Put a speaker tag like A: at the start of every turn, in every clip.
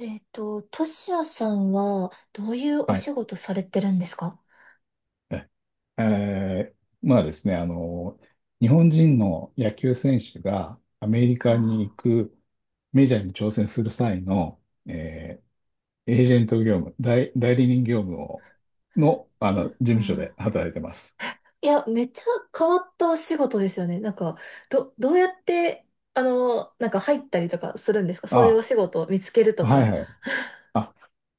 A: トシヤさんは、どういうお
B: はい。
A: 仕事されてるんですか？
B: ええー、まあですね、日本人の野球選手がアメリカに行
A: あ
B: くメジャーに挑戦する際の、えーエージェント業務、代理人業務の、
A: いや、
B: 事
A: う
B: 務所
A: ん。
B: で働いてます。
A: いや、めっちゃ変わったお仕事ですよね。なんか、どうやって、なんか入ったりとかするんですか？そういうお
B: あ、
A: 仕事を見つけると
B: はい
A: か。
B: はい。あ、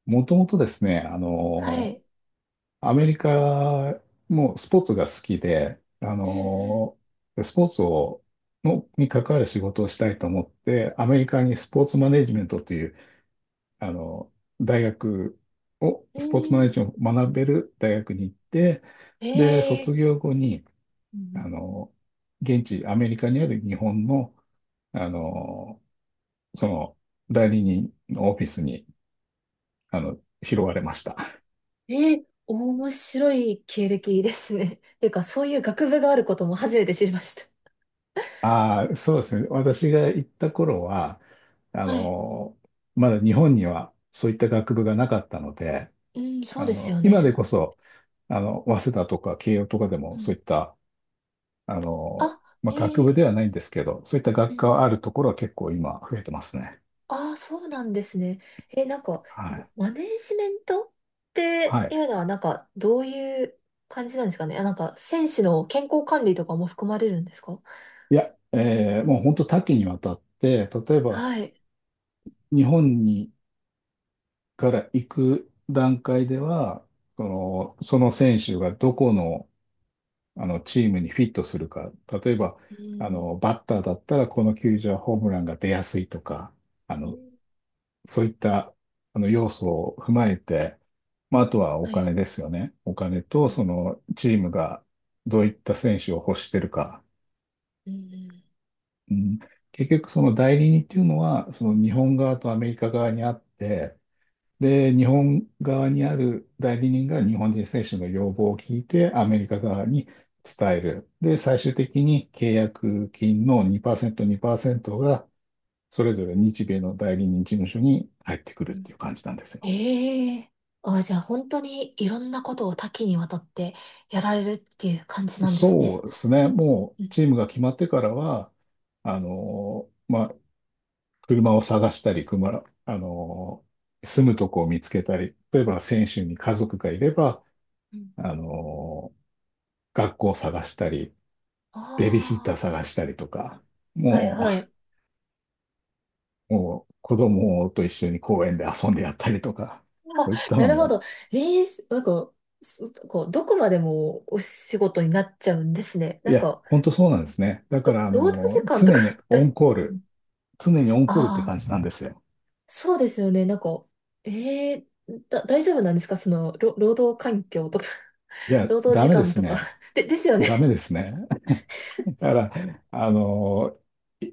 B: もともとですね、
A: はい。
B: アメリカもスポーツが好きで、
A: うん。
B: スポーツに関わる仕事をしたいと思って、アメリカにスポーツマネジメントという、あの大学を、スポーツマネジメントを学べる大学に行って、で、卒
A: ええ
B: 業後に、
A: ー。う
B: あ
A: ん。
B: の現地、アメリカにある日本の、あのその代理人のオフィスに、あの拾われました。
A: え面白い経歴ですね。っていうか、そういう学部があることも初めて知りました。
B: ああ、そうですね。私が行った頃は、あ
A: はい。
B: の、まだ日本にはそういった学部がなかったので、
A: うん、そうですよ
B: 今でこ
A: ね。
B: そ、早稲田とか慶応とかで
A: う
B: もそ
A: ん。
B: ういった、
A: あ、
B: まあ、
A: え
B: 学部で
A: ー
B: はないんですけど、そういった
A: う
B: 学科
A: ん。
B: はあるところは結構今増えてますね。
A: ああ、そうなんですね。え、なんか、
B: はい。
A: マネージメントって
B: はい。
A: いうのは、なんか、どういう感じなんですかね。あ、なんか、選手の健康管理とかも含まれるんですか？
B: いや、もう本当多岐にわたって、例えば
A: はい。
B: 日本から行く段階では、その選手がどこのチームにフィットするか。例えば、
A: うん、
B: バッターだったら、この球場はホームランが出やすいとか、あ
A: う
B: の、
A: ん、
B: そういった、要素を踏まえて、まあ、あとはお
A: はい。
B: 金ですよね。お金
A: う
B: と、
A: ん、
B: チームがどういった選手を欲してるか。
A: うん、
B: うん、結局、その代理人っていうのは、その日本側とアメリカ側にあって、で、日本側にある代理人が日本人選手の要望を聞いて、アメリカ側に伝える。で、最終的に契約金の2%、2%が、それぞれ日米の代理人事務所に入ってくるっ
A: うん。
B: ていう感じなんですよ。
A: ええ。あ、じゃあ、本当にいろんなことを多岐にわたってやられるっていう感じなんです
B: そ
A: ね。
B: うですね。もう、
A: うん、
B: チームが決まってからは、まあ、車を探したり、車、あの、住むとこを見つけたり、例えば選手に家族がいれば、
A: うん。
B: あの、学校を探したり、ベビーシッター
A: あ
B: 探したりとか、
A: あ、はい
B: も
A: はい。
B: もう子供と一緒に公園で遊んでやったりとか、
A: あ、
B: そういった
A: な
B: の
A: るほど。
B: も。
A: ええ、なんか、そこう、どこまでもお仕事になっちゃうんですね。
B: い
A: なん
B: や、
A: か、
B: 本当そうなんですね。だから、
A: 労働時間とか だ
B: 常にオンコールって
A: ああ、
B: 感じなんですよ。
A: そうですよね。なんか、ええ、大丈夫なんですか？その、労働環境とか。
B: い や、
A: 労働
B: ダ
A: 時
B: メで
A: 間
B: す
A: とか
B: ね。
A: ですよね。
B: ダメですね。だから、あの、い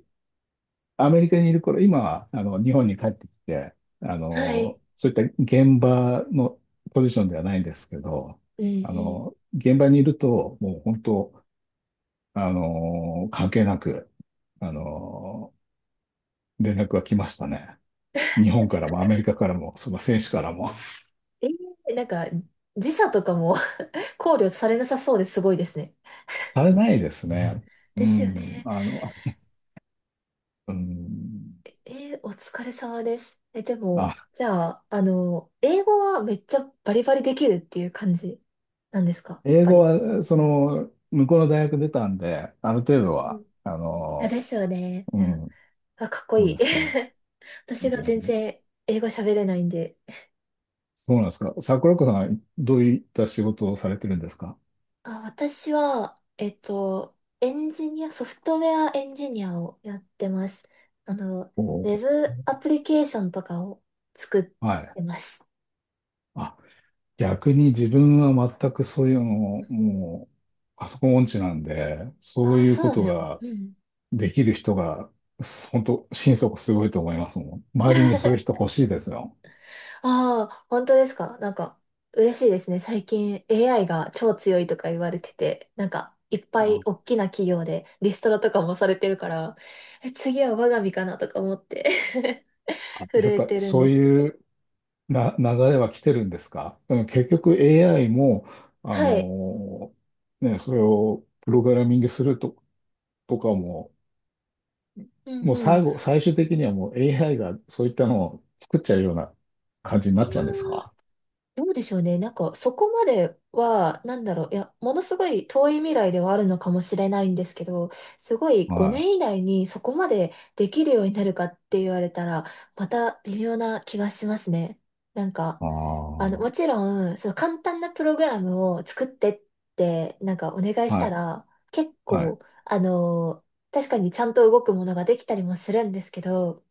B: アメリカにいる頃、今は、日本に帰ってきて、
A: はい。
B: そういった現場のポジションではないんですけど、
A: うん、うん。
B: 現場にいると、もう本当、関係なく、あの、連絡が来ましたね。日本からもアメリカからも、その選手からも。
A: ええ、なんか、時差とかも 考慮されなさそうですごいですね。
B: されないですね。う
A: ですよ
B: ん、
A: ね。
B: うん、
A: お疲れ様です。え、でも、
B: あ、
A: じゃあ、英語はめっちゃバリバリできるっていう感じなんですか？やっ
B: 英
A: ぱ
B: 語
A: り。
B: は、向こうの大学出たんで、ある程度
A: う
B: は、
A: ん。あ、ですよね。
B: う
A: うん。
B: ん、
A: あ、かっこ
B: そう
A: い
B: で
A: い。
B: すね。
A: 私が
B: う
A: 全
B: ん。
A: 然英語喋れないんで。
B: そうなんですか？桜子さんはどういった仕事をされてるんですか？
A: あ、私は、エンジニア、ソフトウェアエンジニアをやってます。あの、
B: おー。
A: ウェブアプリケーションとかを作っ
B: はい。
A: てます。
B: あ、逆に自分は全くそういうのを、もう、パソコン音痴なんで、そう
A: あ、
B: いう
A: そう
B: こ
A: なん
B: と
A: ですか？
B: が
A: うん。
B: できる人が、本当、心底すごいと思いますもん。周りにそういう 人欲しいですよ。
A: ああ、本当ですか？なんか、嬉しいですね。最近 AI が超強いとか言われてて、なんか、いっぱい大
B: あ
A: きな企業でリストラとかもされてるから、え、次は我が身かなとか思って
B: あ、
A: 震
B: やっ
A: え
B: ぱ
A: てるん
B: そ
A: で
B: う
A: す。
B: いうな流れは来てるんですか？うん。結局 AI も、あ
A: はい。
B: のね、それをプログラミングすると、とかも、
A: うん、
B: もう
A: うん。い
B: 最終的にはもう AI がそういったのを作っちゃうような感じに
A: や
B: なっちゃうんです
A: ー、
B: か？
A: どうでしょうね。なんか、そこまでは、なんだろう。いや、ものすごい遠い未来ではあるのかもしれないんですけど、すごい5
B: はい。
A: 年以内にそこまでできるようになるかって言われたら、また微妙な気がしますね。なんか、
B: ああ、
A: もちろん、その簡単なプログラムを作ってって、なんかお願いし
B: は
A: た
B: い、
A: ら、結
B: はい、
A: 構、あの、確かにちゃんと動くものができたりもするんですけど、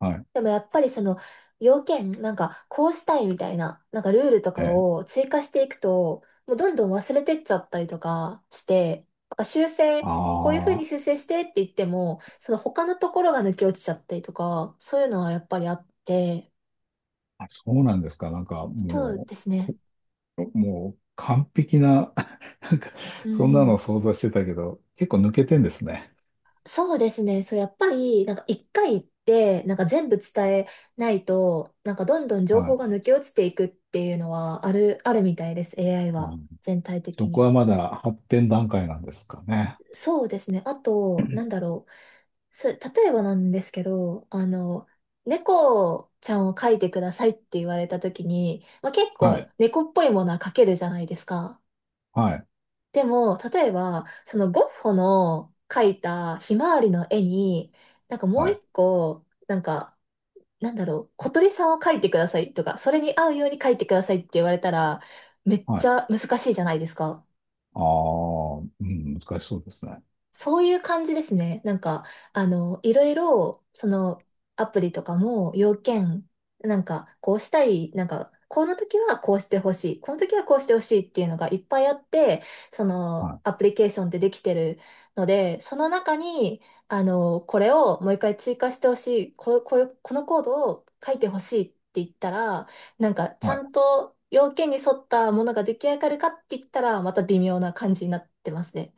B: はい、
A: でもやっぱりその要件、なんかこうしたいみたいな、なんかルールと
B: え
A: か
B: え。
A: を追加していくと、もうどんどん忘れてっちゃったりとかして、なんか修正、こういうふう
B: あ
A: に修正してって言っても、その他のところが抜け落ちちゃったりとか、そういうのはやっぱりあって、
B: あ、そうなんですか。なんか、
A: そう
B: も
A: ですね。
B: う、もう、完璧な、なんか、
A: う
B: そんなの
A: ん。
B: を想像してたけど、結構抜けてんですね。
A: そうですね。そう、やっぱり、なんか一回行って、なんか全部伝えないと、なんかどんどん
B: は
A: 情報が
B: い。
A: 抜け落ちていくっていうのはあるみたいです。AI
B: あ
A: は
B: ー、
A: 全体的
B: そこ
A: に。
B: はまだ発展段階なんですかね。
A: そうですね。あと、なんだろう。例えばなんですけど、猫ちゃんを描いてくださいって言われた時に、まあ、結
B: は
A: 構
B: い、
A: 猫っぽいものは描けるじゃないですか。
B: はい、
A: でも、例えば、そのゴッホの描いたひまわりの絵に、なんかもう
B: はい、
A: 一個、なんか、なんだろう、小鳥さんを描いてくださいとか、それに合うように描いてくださいって言われたら、めっ
B: は
A: ち
B: い。
A: ゃ難しいじゃないですか。
B: ああ、うん、難しそうですね。
A: そういう感じですね。なんか、いろいろ、その、アプリとかも、要件、なんか、こうしたい、なんか、この時はこうしてほしい、この時はこうしてほしいっていうのがいっぱいあって、その、
B: は
A: アプリケーションってできてるので、その中に、これをもう一回追加してほしい、こういう、このコードを書いてほしいって言ったら、なんか、
B: い、
A: ちゃ
B: は
A: ん
B: い。
A: と要件に沿ったものが出来上がるかって言ったら、また微妙な感じになってますね。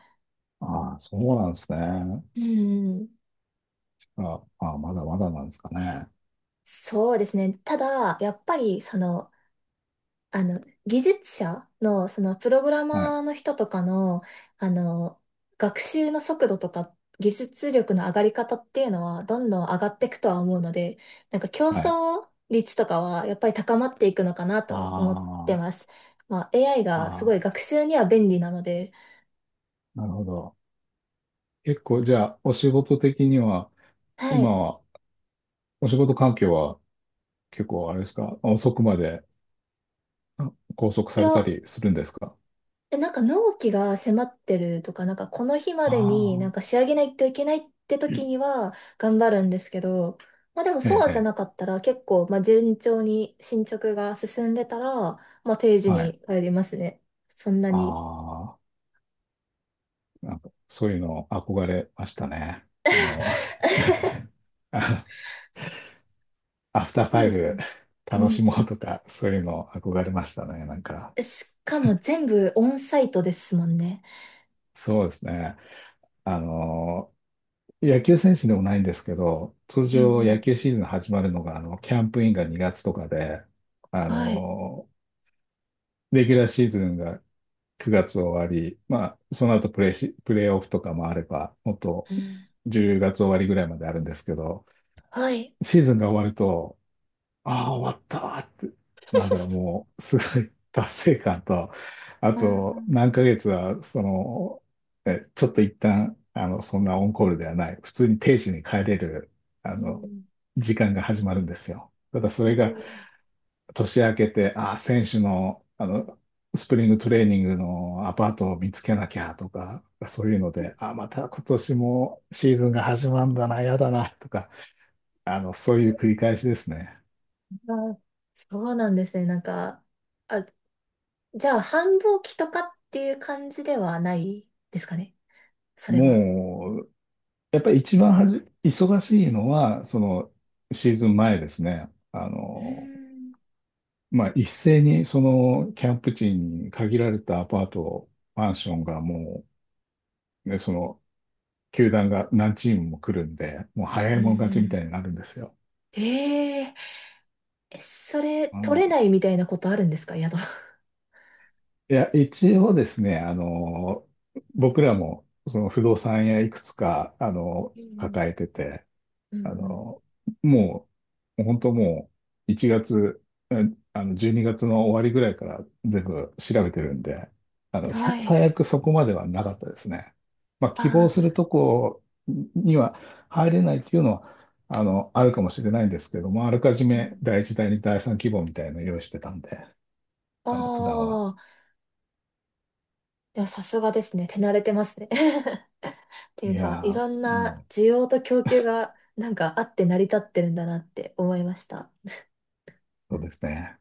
B: ああ、そうなんですね。
A: うん。
B: ああ、まだまだなんですかね。
A: そうですね。ただ、やっぱり、その、あの、技術者の、その、プログラ
B: はい、
A: マーの人とかの、あの、学習の速度とか、技術力の上がり方っていうのは、どんどん上がっていくとは思うので、なんか競
B: はい。
A: 争率とかは、やっぱり高まっていくのかなとは思って
B: あ
A: ます。まあ、AI
B: あ、
A: がすご
B: あ
A: い学習には便利なので、
B: あ、なるほど。結構、じゃあ、お仕事的には、
A: は
B: 今
A: い。
B: は、お仕事環境は結構あれですか、遅くまであ拘束
A: い
B: された
A: や、
B: りするんですか？
A: え、なんか納期が迫ってるとか、なんかこの日までにな
B: あ
A: んか
B: あ
A: 仕上げないといけないって
B: ー、
A: 時には頑張るんですけど、まあでも
B: え
A: そうじゃ
B: え、え
A: なか
B: え。
A: ったら結構、まあ順調に進捗が進んでたら、まあ定時
B: はい。
A: に帰りますね。そんなに。
B: ああ、なんかそういうの憧れましたね。あの、あ
A: そ
B: アフターフ
A: そう
B: ァイ
A: ですよ
B: ブ
A: ね。う
B: 楽
A: ん。
B: しもうとか、そういうの憧れましたね。なんか、
A: え、しかも全部オンサイトですもんね。
B: そうですね。あの野球選手でもないんですけど、通
A: うん、
B: 常
A: う
B: 野
A: ん。
B: 球シーズン始まるのが、キャンプインが2月とかで、あ
A: はい。
B: の、レギュラーシーズンが9月終わり、まあ、その後プレーオフとかもあれば、もっと
A: うん。
B: 10月終わりぐらいまであるんですけど、
A: はい。
B: シーズンが終わると、ああ、終わったーって、なんだろう、もう、すごい達成感と、あ
A: あ
B: と、
A: ー
B: 何ヶ月は、ちょっと一旦、そんなオンコールではない、普通に定時に帰れる、あ
A: う
B: の、
A: ん、
B: 時間が始まるんですよ。ただ、そ
A: う
B: れ
A: ん、
B: が、
A: う
B: 年明けて、ああ、選手の、スプリングトレーニングのアパートを見つけなきゃとか、そういうので、ああ、また今年もシーズンが始まるんだな、やだな、とか、そういう繰り返しですね。
A: ん。そうなんですね。なんか、あ、じゃあ、繁忙期とかっていう感じではないですかね。それは。
B: もやっぱり一番忙しいのは、そのシーズン前ですね。
A: うーん。
B: まあ、一斉にそのキャンプ地に限られたアパート、マンションがもう、ね、その球団が何チームも来るんで、もう早
A: う
B: い
A: ん、
B: もん勝
A: う
B: ちみた
A: ん。
B: いになるんですよ。
A: えええそれ、
B: う
A: 取れな
B: ん、
A: いみたいなことあるんですか、宿？
B: いや、一応ですね、僕らもその不動産屋いくつか、
A: うん、
B: 抱えてて、
A: う
B: あ
A: ん、
B: の、もう、本当もう、1月、うん、12月の終わりぐらいから全部調べてるんで、
A: うん。はい。
B: 最悪そこまではなかったですね。まあ、
A: あ
B: 希望する
A: あ、
B: とこには入れないっていうのは、あるかもしれないんですけども、あらかじ
A: う
B: め
A: ん。
B: 第一第二第三希望みたいなのを用意してたんで、
A: あ
B: 普段は。
A: あ、いや、さすがですね。手慣れてますね。ってい
B: い
A: う
B: や
A: か、いろん
B: ー、も
A: な
B: う、
A: 需要と供給が、なんかあって成り立ってるんだなって思いました。
B: そうですね。